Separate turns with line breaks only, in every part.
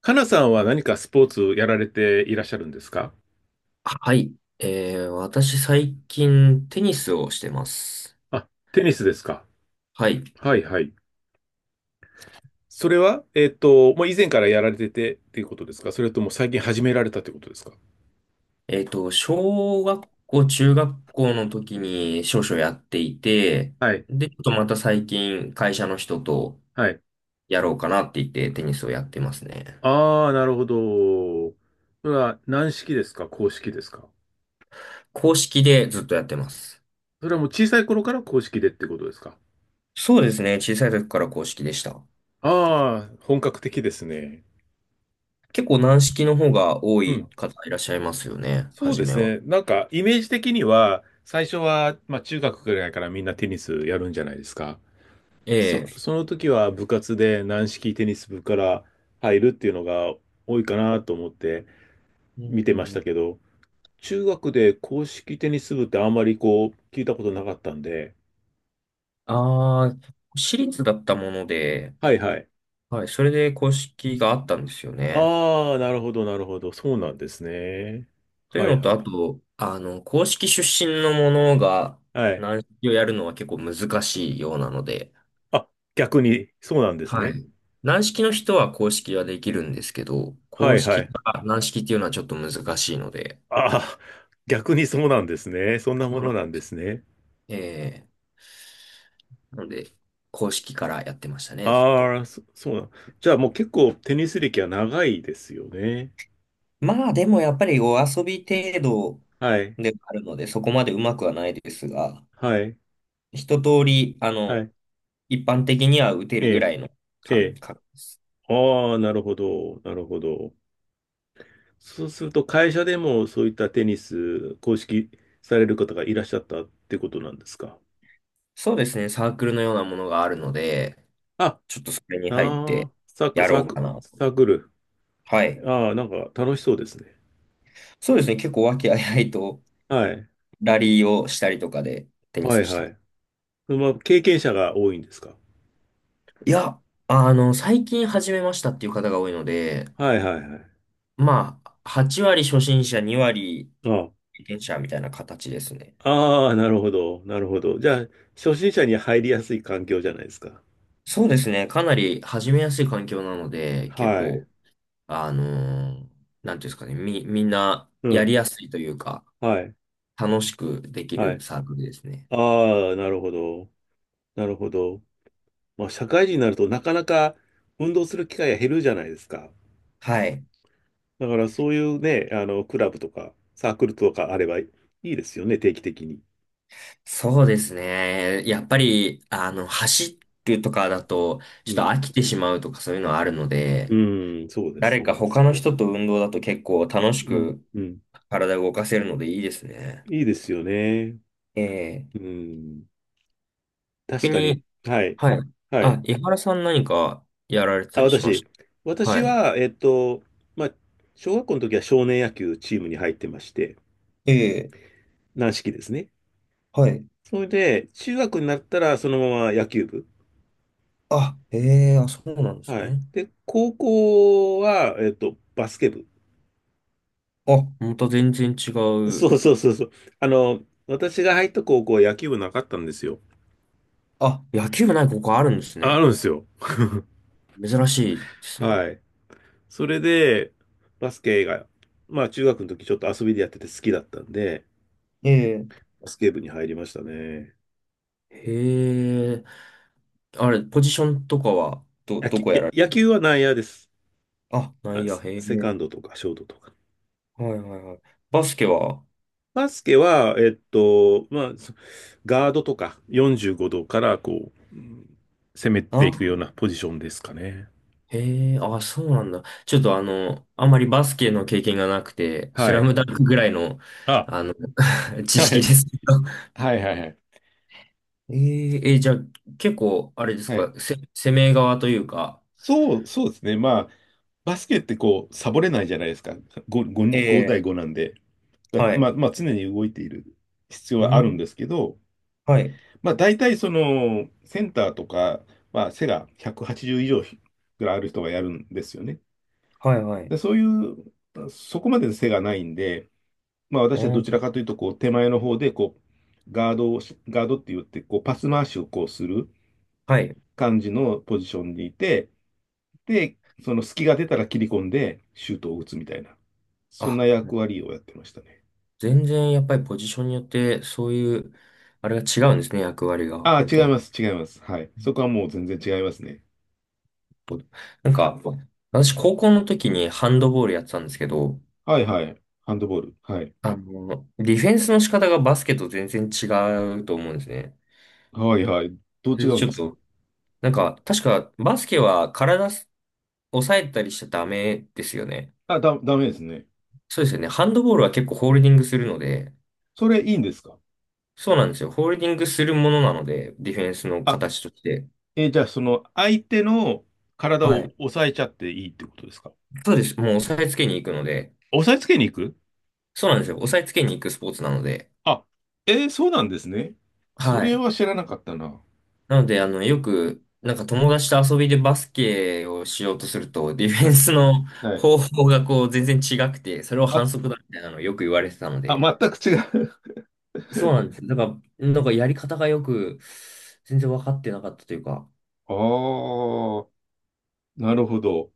かなさんは何かスポーツやられていらっしゃるんですか？
はい。私最近テニスをしてます。
あ、テニスですか。
はい。
はいはい。それは、もう以前からやられててっていうことですか、それとも最近始められたってことですか？
小学校、中学校の時に少々やっていて、
はい。
で、ちょっとまた最近会社の人と
はい。
やろうかなって言ってテニスをやってますね。
ああ、なるほど。それは軟式ですか、硬式ですか？
公式でずっとやってます。
それはもう小さい頃から硬式でってことですか？
そうですね。小さい時から公式でした。
ああ、本格的ですね。
結構軟式の方が多
う
い
ん。
方いらっしゃいますよね。
そう
初
で
め
す
は。
ね。なんか、イメージ的には、最初は、まあ、中学ぐらいからみんなテニスやるんじゃないですか。
ええ。
その時は部活で軟式テニス部から入るっていうのが多いかなと思って
うんう
見
ん
て
う
ましたけ
ん。
ど、中学で硬式テニス部ってあんまりこう聞いたことなかったんで、
ああ、私立だったもので、
はいはい。
はい、それで公式があったんですよね。
ああ、なるほどなるほど。そうなんですね。
という
はい
のと、
は
あ
い。
と、公式出身のものが
はい。
軟式をやるのは結構難しいようなので、
あ、逆にそうなんです
は
ね。
い。軟式の人は公式はできるんですけど、
は
公
いは
式
い。
から軟式っていうのはちょっと難しいので、
ああ、逆にそうなんですね。そんな
そ
も
うな
の
ん
なんですね。
えー、なので、公式からやってましたね、ずっと。
ああ、そうなん。じゃあもう結構テニス歴は長いですよね。
まあ、でもやっぱりお遊び程度
はい。
ではあるので、そこまでうまくはないですが、
はい。
一通り、
はい。
一般的には打て
え
るぐ
え。
らいの
え
感
え。
覚です。
ああ、なるほど。なるほど。そうすると、会社でもそういったテニス、公式される方がいらっしゃったってことなんですか？
そうですね、サークルのようなものがあるので、
あ、あ
ちょっとそれに入って
あ、サーク、
やろ
サ
うか
ク、
な。
サークル。
はい。
ああ、なんか楽しそうですね。
そうですね、結構和気あいあいと
はい。
ラリーをしたりとかでテニ
は
ス
い
して
は
ま
い。
す。
まあ、経験者が多いんですか？
いや、最近始めましたっていう方が多いので、
はいはいはい。
まあ、8割初心者、2
あ
割経験者みたいな形ですね。
あ、ああ、なるほど。なるほど。じゃあ、初心者に入りやすい環境じゃないですか。
そうですね、かなり始めやすい環境なので、結
はい。
構、あのーなんていうんですかね、みんな
う
やり
ん。
やすいというか、
はい。
楽しくでき
は
る
い。
サークルですね。
ああ、なるほど。なるほど。まあ、社会人になるとなかなか運動する機会が減るじゃないですか。
はい。
だからそういうね、あの、クラブとかサークルとかあればいいですよね、定期的に。
そうですね。やっぱり、走るとかだと、ち
う
ょっと
ん。
飽きてしまうとかそういうのはあるので、
うん、そうです
誰か
ね。
他の人と運動だと結構楽し
うん、
く
うん。
体を動かせるのでいいですね。
いいですよね。
ええ。
うん。確
逆
かに。
に、
はい。
はい。
はい。
あ、井原さん何かやられてた
あ、
りしま
私。
した。
私
はい。
は、まあ、小学校の時は少年野球チームに入ってまして、
ええ、
軟式ですね。
はい。
それで、中学になったらそのまま野球部。
あ、ええ、あ、そうなんです
はい。
ね。
で、高校は、バスケ部。
あ、また全然違
そ
う。
うそうそうそう。あの、私が入った高校は野球部なかったんですよ。
あ、野球部ないここあるんです
あ、あ
ね。
るんですよ。
珍しいですね。
はい。それで、バスケが、まあ中学の時ちょっと遊びでやってて好きだったんで、
ええ。
バスケ部に入りましたね。
へえ。あれ、ポジションとかは、ど、
野
ど
球、
こやられ
野球は内野です。
あ、ない
あ、
や、
セ
へ
セカ
え。
ンドとかショートとか。
はいはいはい。バスケは
バスケは、まあ、ガードとか45度からこう、うん攻めて
あ、
いくようなポジションですかね。
へえ、あ、そうなんだ。ちょっとあんまりバスケの経験がなくて、ス
は
ラ
い。
ムダンクぐらいの、
あ、
あの、知
は
識で
い。
すけど。
はいはいはい。
じゃあ、結構、あれです
はい。
か、攻め側というか。
そうですね。まあ、バスケってこう、サボれないじゃないですか。
え
5対
え、
5なんで。だ
は
ま
い。
あ、まあ、常に動いている必要
う
はあるんで
ん、
すけど、
はい、
まあ、大体その、センターとか、まあ、背が180以上ぐらいある人がやるんですよね。
はい、はい。
で、そういう、そこまで背がないんで、まあ、
う
私はどちら
ん。
かというと、こう、手前の方で、こう、ガードって言って、こう、パス回しをこうする
はい。
感じのポジションにいて、で、その隙が出たら切り込んでシュートを打つみたいな、そん
あ
な役割をやってましたね。
全然やっぱりポジションによってそういう、あれが違うんですね、役割が、
あ
本
あ、違
当
い
に。
ます、違います。はい。そこはもう全然違いますね。
なんか、私高校の時にハンドボールやってたんですけど、
はいはい。ハンドボール。はい。
ディフェンスの仕方がバスケと全然違うと思うんですね。
はいはい。どう
そ
違
れで
うん
ちょ
で
っ
すか？
と、なんか、確かバスケは抑えたりしちゃダメですよね。
ダメですね。
そうですよね。ハンドボールは結構ホールディングするので、
それいいんですか？
そうなんですよ。ホールディングするものなので、ディフェンスの
あ、
形として。
えーじゃあその相手の体
は
を
い。
押さえちゃっていいってことですか？
そうです。もう押さえつけに行くので、
押さえつけに行く。
そうなんですよ。押さえつけに行くスポーツなので。
あ、えーそうなんですね。そ
は
れ
い。
は知らなかったな。
なので、よく、なんか友達と遊びでバスケをしようとすると、ディフ
は
ェン
い。
スの
はい。
方法がこう全然違くて、それを
ま、
反則だみたいなのをよく言われてたので。
全く違う。
そうなんです。だから、なんかやり方がよく、全然分かってなかったというか。
ああ、なるほど。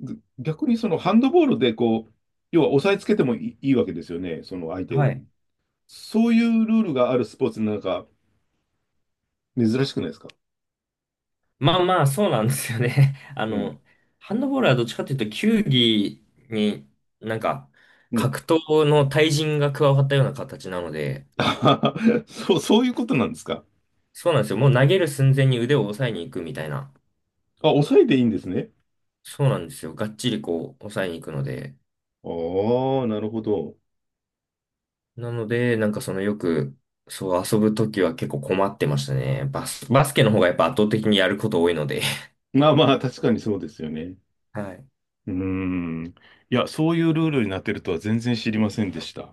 逆にそのハンドボールでこう、要は押さえつけてもいい、いいわけですよね、その相手
は
を。
い。
そういうルールがあるスポーツなんか珍しくないですか？
まあまあ、そうなんですよね。
うん。
ハンドボールはどっちかというと、球技になんか、
うん。
格闘の対人が加わったような形なので、
そういうことなんですか？
そうなんですよ。もう投げる寸前に腕を押さえに行くみたいな。
あ、抑えていいんですね。
そうなんですよ。がっちりこう、押さえに行くので。
ああ、なるほど。
なので、なんかそのよく、そう遊ぶときは結構困ってましたね。バスケの方がやっぱ圧倒的にやること多いので。
まあまあ、確かにそうですよね。
はい。
うーん。いや、そういうルールになってるとは全然知りませんでした。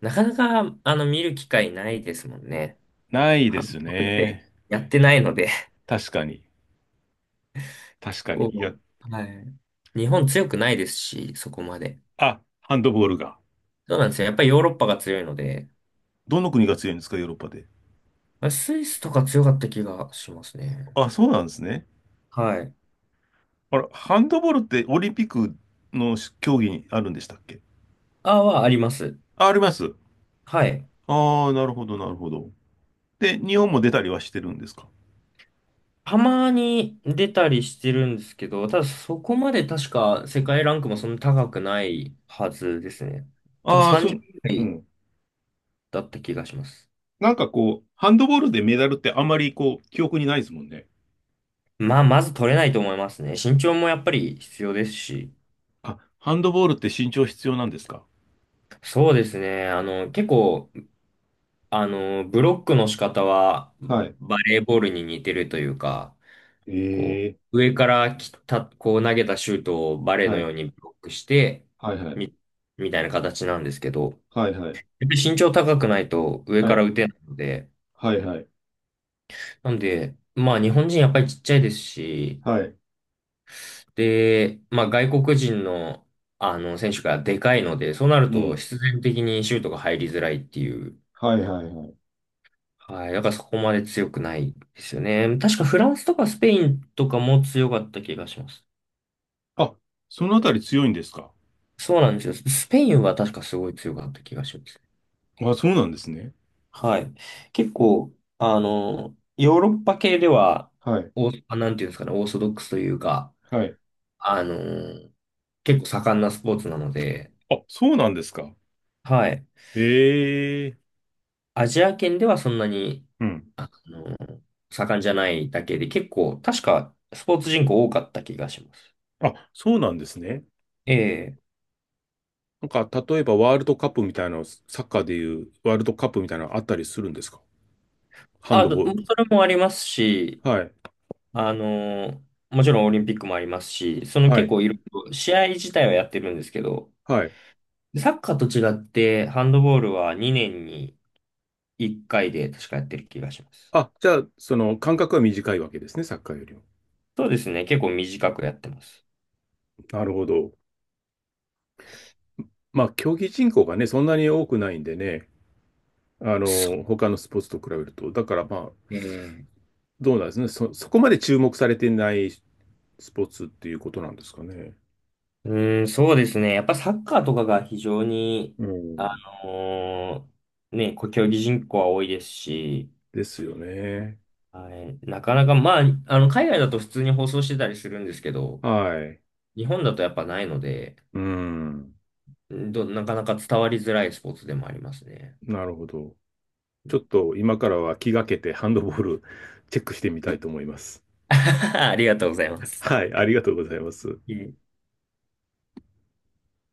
なかなか、見る機会ないですもんね。
ない
ハ
で
ンド
す
ボールって
ね。
やってないので。
確かに。確か
こ
に。いや、
う、はい。日本強くないですし、そこまで。
あ、ハンドボールが。
そうなんですよ。やっぱりヨーロッパが強いので、
どの国が強いんですか、ヨーロッパで。
まあスイスとか強かった気がしますね。
あ、そうなんですね。
はい。
あれ、ハンドボールってオリンピックの競技にあるんでしたっけ？
ああはあります。
あ、あります。
はい。
ああ、なるほど、なるほど。で、日本も出たりはしてるんですか？
たまに出たりしてるんですけど、ただそこまで確か世界ランクもそんな高くないはずですね。多分
ああー、そ
30
う、
位ぐら
う
い
ん。
だった気がします。
なんかこう、ハンドボールでメダルってあんまりこう、記憶にないですもんね。
まあ、まず取れないと思いますね。身長もやっぱり必要ですし。
あ、ハンドボールって身長必要なんですか？
そうですね。結構、ブロックの仕方は
はい。
バレーボールに似てるというか、こ
ええ。
う、上から来た、こう投げたシュートをバレーの
は
よ
い。
うにブロックして、
はいはい。
み、みたいな形なんですけど、
はいはい。
やっぱり身長高くないと上
は
から
い。
打てないので、
はいはい。
なんで、まあ日本人やっぱりちっちゃいですし、
はい。
で、まあ外国人のあの選手がでかいので、そうなる
う
と
ん。
必然的にシュートが入りづらいっていう、
はいはいはい。
はい、だからそこまで強くないですよね。確かフランスとかスペインとかも強かった気がします。
あ、そのあたり強いんですか？
そうなんですよ。スペインは確かすごい強かった気がします。
あ、そうなんですね。
はい。結構、ヨーロッパ系では、
はい。
なんていうんですかね、オーソドックスというか、
はい。
あのー結構盛んなスポーツなので、
あ、そうなんですか。
はい。
ええ。
アジア圏ではそんなに、
うん。
あのー盛んじゃないだけで、結構、確かスポーツ人口多かった気がします。
あ、そうなんですね。
ええ。
なんか、例えばワールドカップみたいなの、サッカーでいうワールドカップみたいなのあったりするんですか？ハンドボール。
それもありますし、
はい。
あのーもちろんオリンピックもありますし、その
は
結
い。
構いろいろ、試合自体はやってるんですけど、
はい。
サッカーと違って、ハンドボールは2年に1回で確かやってる気がします。
あ、じゃあ、その間隔は短いわけですね、サッカーよりも。
そうですね。結構短くやってます。
なるほど。まあ、競技人口がね、そんなに多くないんでね、あの、
そ
他のスポーツと比べると。だから、まあ、
う。ええ、
どうなんですね。そこまで注目されてないスポーツっていうことなんですかね。
うーん、そうですね。やっぱサッカーとかが非常に、
う
あ
ん。
のね、競技人口は多いですし、
ですよね。
はい、なかなか、まあ、海外だと普通に放送してたりするんですけど、
はい。
日本だとやっぱないので、
うん。
なかなか伝わりづらいスポーツでもありますね。
なるほど。ちょっと今からは気がけてハンドボール チェックしてみたいと思います。
ありがとうございます。
はい、ありがとうございます。